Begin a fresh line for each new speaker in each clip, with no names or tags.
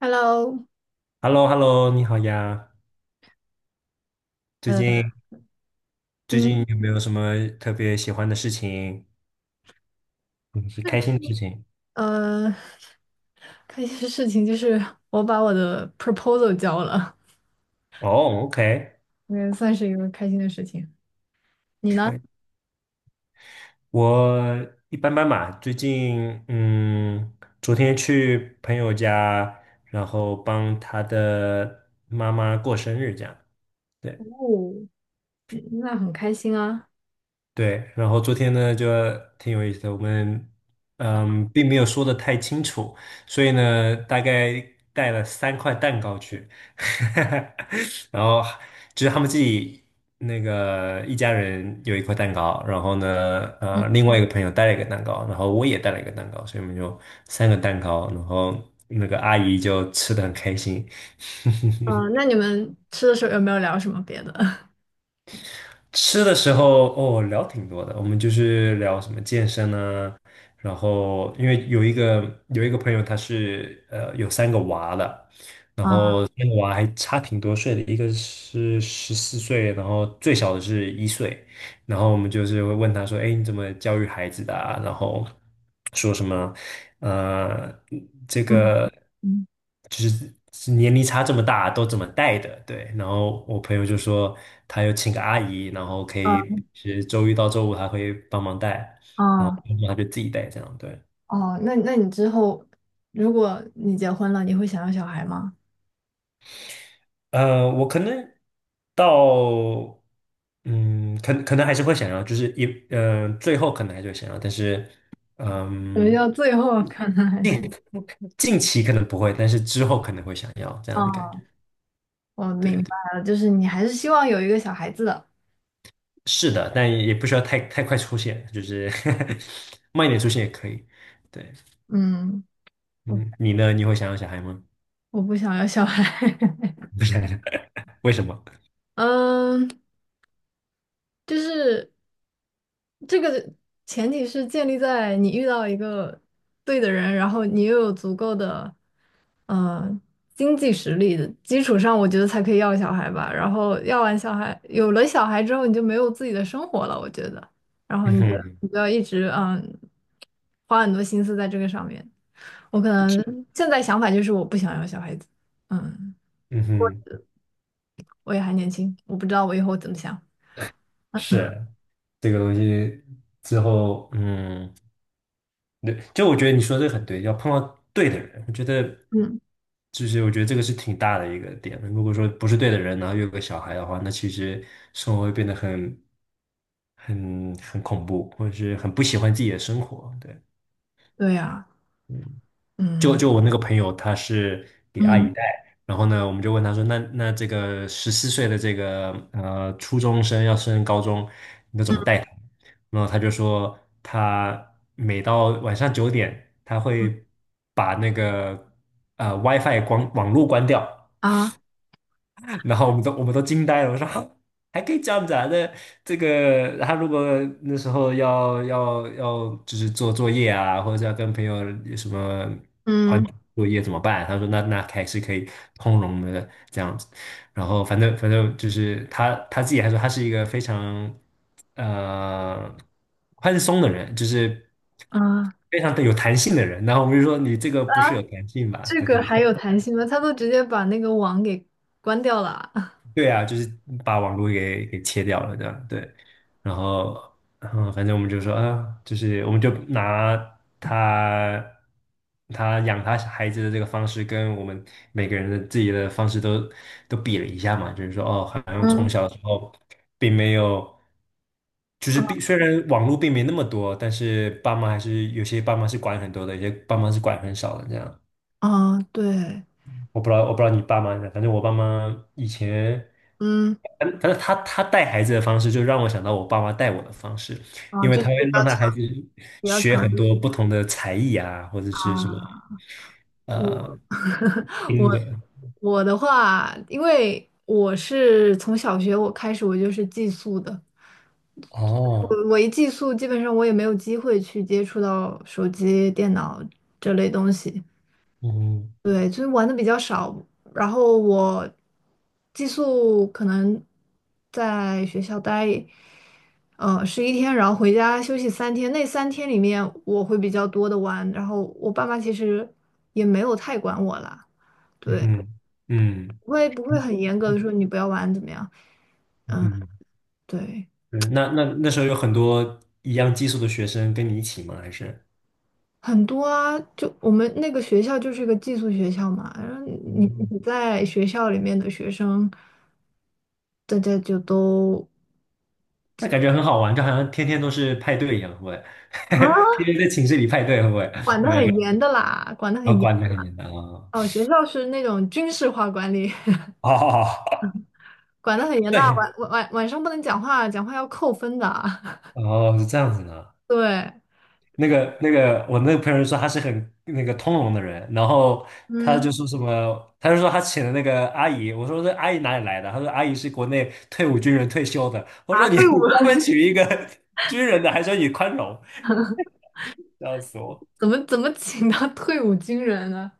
Hello，
H e l l o h e l l o, 你好呀！最
呃，
近最近
嗯，
有没有什么特别喜欢的事情，嗯，是开心的事情？
呃，开心的事情就是我把我的 proposal 交了，
哦，OK，
我也算是一个开心的事情。你呢？
可以。我一般般吧。最近，昨天去朋友家，然后帮他的妈妈过生日，这样。对。
哦，嗯那很开心啊。
对，然后昨天呢就挺有意思的，我们并没有说的太清楚，所以呢大概带了3块蛋糕去，然后就是他们自己那个一家人有一块蛋糕，然后呢
嗯
另外一个朋友带了一个蛋糕，然后我也带了一个蛋糕，所以我们就三个蛋糕，然后那个阿姨就吃的很开心。
嗯。那你们吃的时候有没有聊什么别的？
吃的时候哦，聊挺多的，我们就是聊什么健身啊，然后因为有一个朋友他是有三个娃的，然
啊，
后三个娃还差挺多岁的，一个是十四岁，然后最小的是1岁，然后我们就是会问他说：“哎，你怎么教育孩子的啊？”然后说什么呃，这
嗯
个
嗯
就是年龄差这么大都怎么带的？对。然后我朋友就说他有请个阿姨，然后可
啊，
以是周一到周五他会帮忙带，
呃
然后
哦
他就自己带这样。对，
哦，那你之后，如果你结婚了，你会想要小孩吗？
我可能到。嗯，可能还是会想要，就是最后可能还是会想要，但是，
什么
嗯。
叫最后可能还是？
近近期可能不会，但是之后可能会想要 这样的感觉。
哦，我
对
明
对，
白了，就是你还是希望有一个小孩子的。
是的，但也不需要太快出现，就是 慢一点出现也可以。对，
嗯。
嗯，你呢？你会想要小孩吗？
我不想要小孩。
为什么？
嗯，就是这个前提是建立在你遇到一个对的人，然后你又有足够的嗯经济实力的基础上，我觉得才可以要小孩吧。然后要完小孩，有了小孩之后，你就没有自己的生活了，我觉得。然 后
嗯
你就
哼，
你就要一直花很多心思在这个上面。我可能现在想法就是我不想要小孩子，嗯，
嗯哼，
我也还年轻，我不知道我以后怎么想。
是这个东西之后，嗯。对，就我觉得你说这个很对，要碰到对的人，我觉得
嗯，
就是我觉得这个是挺大的一个点。如果说不是对的人，然后又有个小孩的话，那其实生活会变得很恐怖，或者是很不喜欢自己的生活。对。
对呀。
就
嗯
就我那个朋友，他是给阿
嗯
姨带，然后呢，我们就问他说，那这个十四岁的这个初中生要升高中，你都怎么带他？然后他就说，他每到晚上9点，他会把那个WiFi 光网络关掉，
啊
然后我们都惊呆了，我说哈 还可以这样子啊？那这个他如果那时候要就是做作业啊，或者是要跟朋友有什么团
嗯
体作业怎么办？他说那还是可以通融的这样子。然后反正就是他自己还说他是一个非常呃宽松的人，就是
啊，
非常的有弹性的人。然后我们就说你这个不是有弹性吧？
这
对对
个还有弹性吗？他都直接把那个网给关掉了啊
对啊，就是把网络给切掉了这样，对。然后，反正我们就说啊，就是我们就拿他他养他孩子的这个方式，跟我们每个人的自己的方式都比了一下嘛，就是说哦，好像从
嗯
小的时候并没有，就是
嗯
虽然网络并没那么多，但是爸妈还是有些爸妈是管很多的，有些爸妈是管很少的这样。
啊，对，
我不知道你爸妈，反正我爸妈以前，
嗯
反正他带孩子的方式，就让我想到我爸妈带我的方式，
啊，
因为
就是
他会
比较
让他
强，
孩子
比较
学
强
很多
硬
不同的才艺啊，或者是什么
啊。
呃
我
冰
我
的
我的话，因为我是从小学我开始我就是寄宿的，
哦，
我一寄宿，基本上我也没有机会去接触到手机、电脑这类东西。
嗯
对，就是玩的比较少，然后我寄宿可能在学校待十一天，然后回家休息三天。那三天里面我会比较多的玩，然后我爸妈其实也没有太管我啦，对，
嗯嗯
不会不会
嗯
很严格的说你不要玩怎么样，嗯，
嗯，
对，
嗯，那时候有很多一样技术的学生跟你一起吗？还是？
很多啊，就我们那个学校就是一个寄宿学校嘛，然后你
嗯，
你在学校里面的学生，大家就都。
那感觉很好玩，就好像天天都是派对一样，会不会？
啊。
天天在寝室里派对，会不会？
管 得
没有，
很严的啦，管得很
然后
严。
关的很简单啊。
哦，学校是那种军事化管理，
哦，
管得很严的，晚
对，
晚晚晚上不能讲话，讲话要扣分的。
哦，是这样子的。
对，
那个,我那个朋友说他是很那个通融的人，然后他
嗯，
就说什么，他就说他请的那个阿姨，我说这阿姨哪里来的？他说阿姨是国内退伍军人退休的。我
啊，
说你
退伍
你专门娶一个 军人的，还说你宽容，笑死 我。
怎么请他退伍军人呢？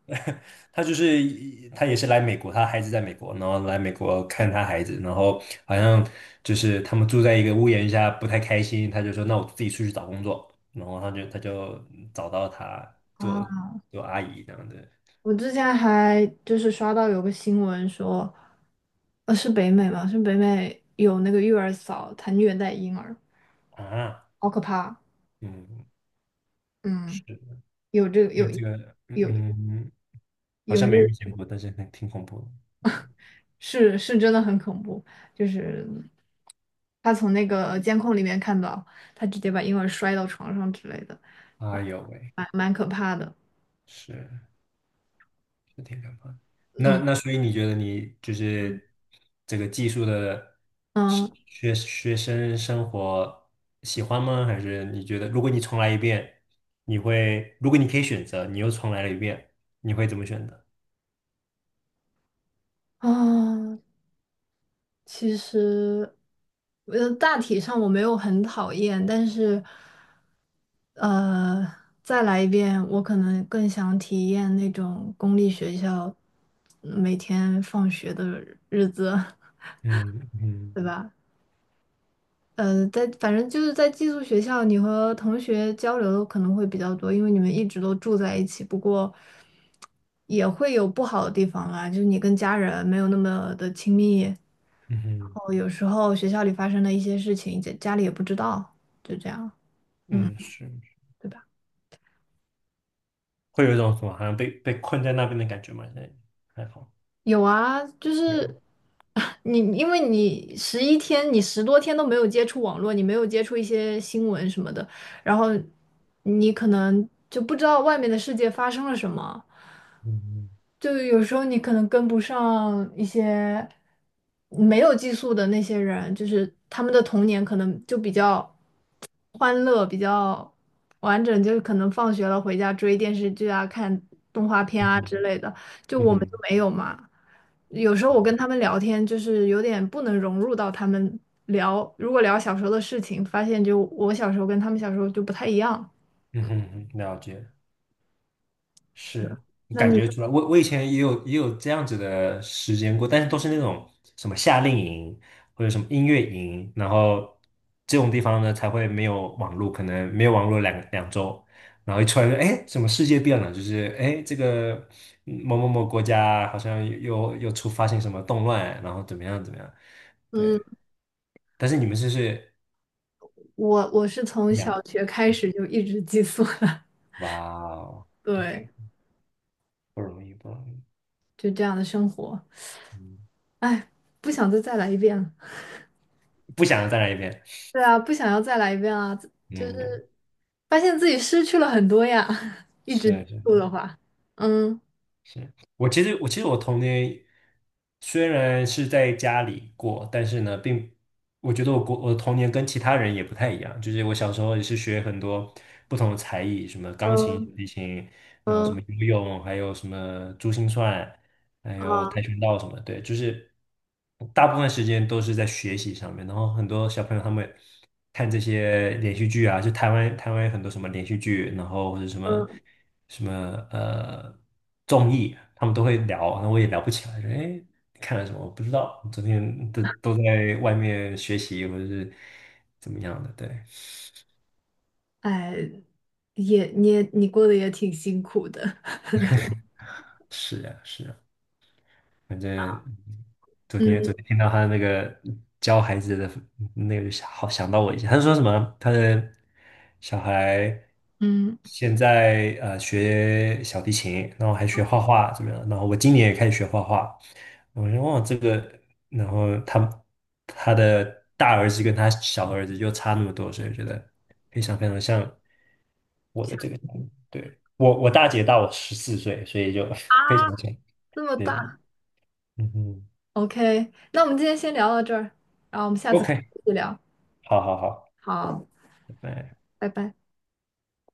他就是他也是来美国，他孩子在美国，然后来美国看他孩子，然后好像就是他们住在一个屋檐下，不太开心，他就说那我自己出去找工作，然后他就找到他做
啊，
做阿姨这样子
我之前还就是刷到有个新闻说，是北美吗？是北美有那个育儿嫂，她虐待婴儿，
啊，
好可怕。
嗯，
嗯，
是
有这个
这个
有
这个，
有
嗯，嗯，好
有
像没
这。
遇见过，但是很挺恐怖的，
是是真的很恐怖，就是他从那个监控里面看到，他直接把婴儿摔到床上之类的，啊，
哎呦喂，
蛮蛮可怕的。
是。四天两的。那
嗯
那所以你觉得你就是这个技术的是
嗯
学生活喜欢吗？还是你觉得如果你重来一遍，你会如果你可以选择，你又重来了一遍，你会怎么选择？
啊，其实大体上我没有很讨厌，但是呃再来一遍，我可能更想体验那种公立学校每天放学的日子，
嗯嗯
对吧？在反正就是在寄宿学校，你和同学交流可能会比较多，因为你们一直都住在一起。不过也会有不好的地方啦，就是你跟家人没有那么的亲密，然
嗯哼
后有时候学校里发生的一些事情，家家里也不知道，就这样，
嗯，是
对吧？
会有一种什么好像被困在那边的感觉吗？现在还好
有啊，就
有，
是 因为你十一天，你10多天都没有接触网络，你没有接触一些新闻什么的，然后你可能就不知道外面的世界发生了什么。
嗯
就有时候你可能跟不上一些没有寄宿的那些人，就是他们的童年可能就比较欢乐，比较完整，就是可能放学了回家追电视剧啊、看动画片
嗯
啊
嗯嗯
之类的，就
嗯
我们就
哼
没有嘛。有时候我跟他们聊天，就是有点不能融入到他们聊，如果聊小时候的事情，发现就我小时候跟他们小时候就不太一样。
嗯哼嗯哼了解。
是的，
是，我
那
感
你，
觉出来。我以前也有这样子的时间过，但是都是那种什么夏令营或者什么音乐营，然后这种地方呢才会没有网络，可能没有网络两周，然后一出来就哎，什么世界变了，就是哎这个某某某国家好像又发生什么动乱，然后怎么样怎么样，
嗯，
对。但是你们就是
我是从
两，
小学开始就一直寄宿的。
哇哦
对，
，OK，不容易不容易，
就这样的生活，
嗯，
哎，不想再来一遍了。
不想再来一遍，
对啊，不想要再来一遍啊，
嗯。
发现自己失去了很多呀，一直接
是是
的话，嗯
是，我其实我童年虽然是在家里过，但是呢，我觉得我过我的童年跟其他人也不太一样，就是我小时候也是学很多不同的才艺，什么钢琴、小
嗯
提琴，然后什么
嗯
游泳，还有什么珠心算，还有跆
啊
拳道什么的对，就是大部分时间都是在学习上面。然后很多小朋友他们看这些连续剧啊，就台湾有很多什么连续剧，然后或者什么
嗯
什么呃综艺，他们都会聊，那我也聊不起来，说哎你看了什么？我不知道，昨天都在外面学习或者是怎么样的，对，
哎，也你也你过得也挺辛苦的，
是啊，是啊。反正昨天
嗯
昨天听到他那个教孩子的那个，好想到我一下。他说什么？他的小孩
嗯，
现在学小提琴，然后还学画画，怎么样？然后我今年也开始学画画。我说哇，这个，然后他的大儿子跟他小儿子就差那么多，所以我觉得非常非常像我的这个小孩。对，我大姐大我十四岁，所以就
啊，
非常像。
这么
对，
大，
嗯嗯
OK，那我们今天先聊到这儿，然后我们下次开
OK，
始聊，
好好好，
好，
拜拜。
拜拜。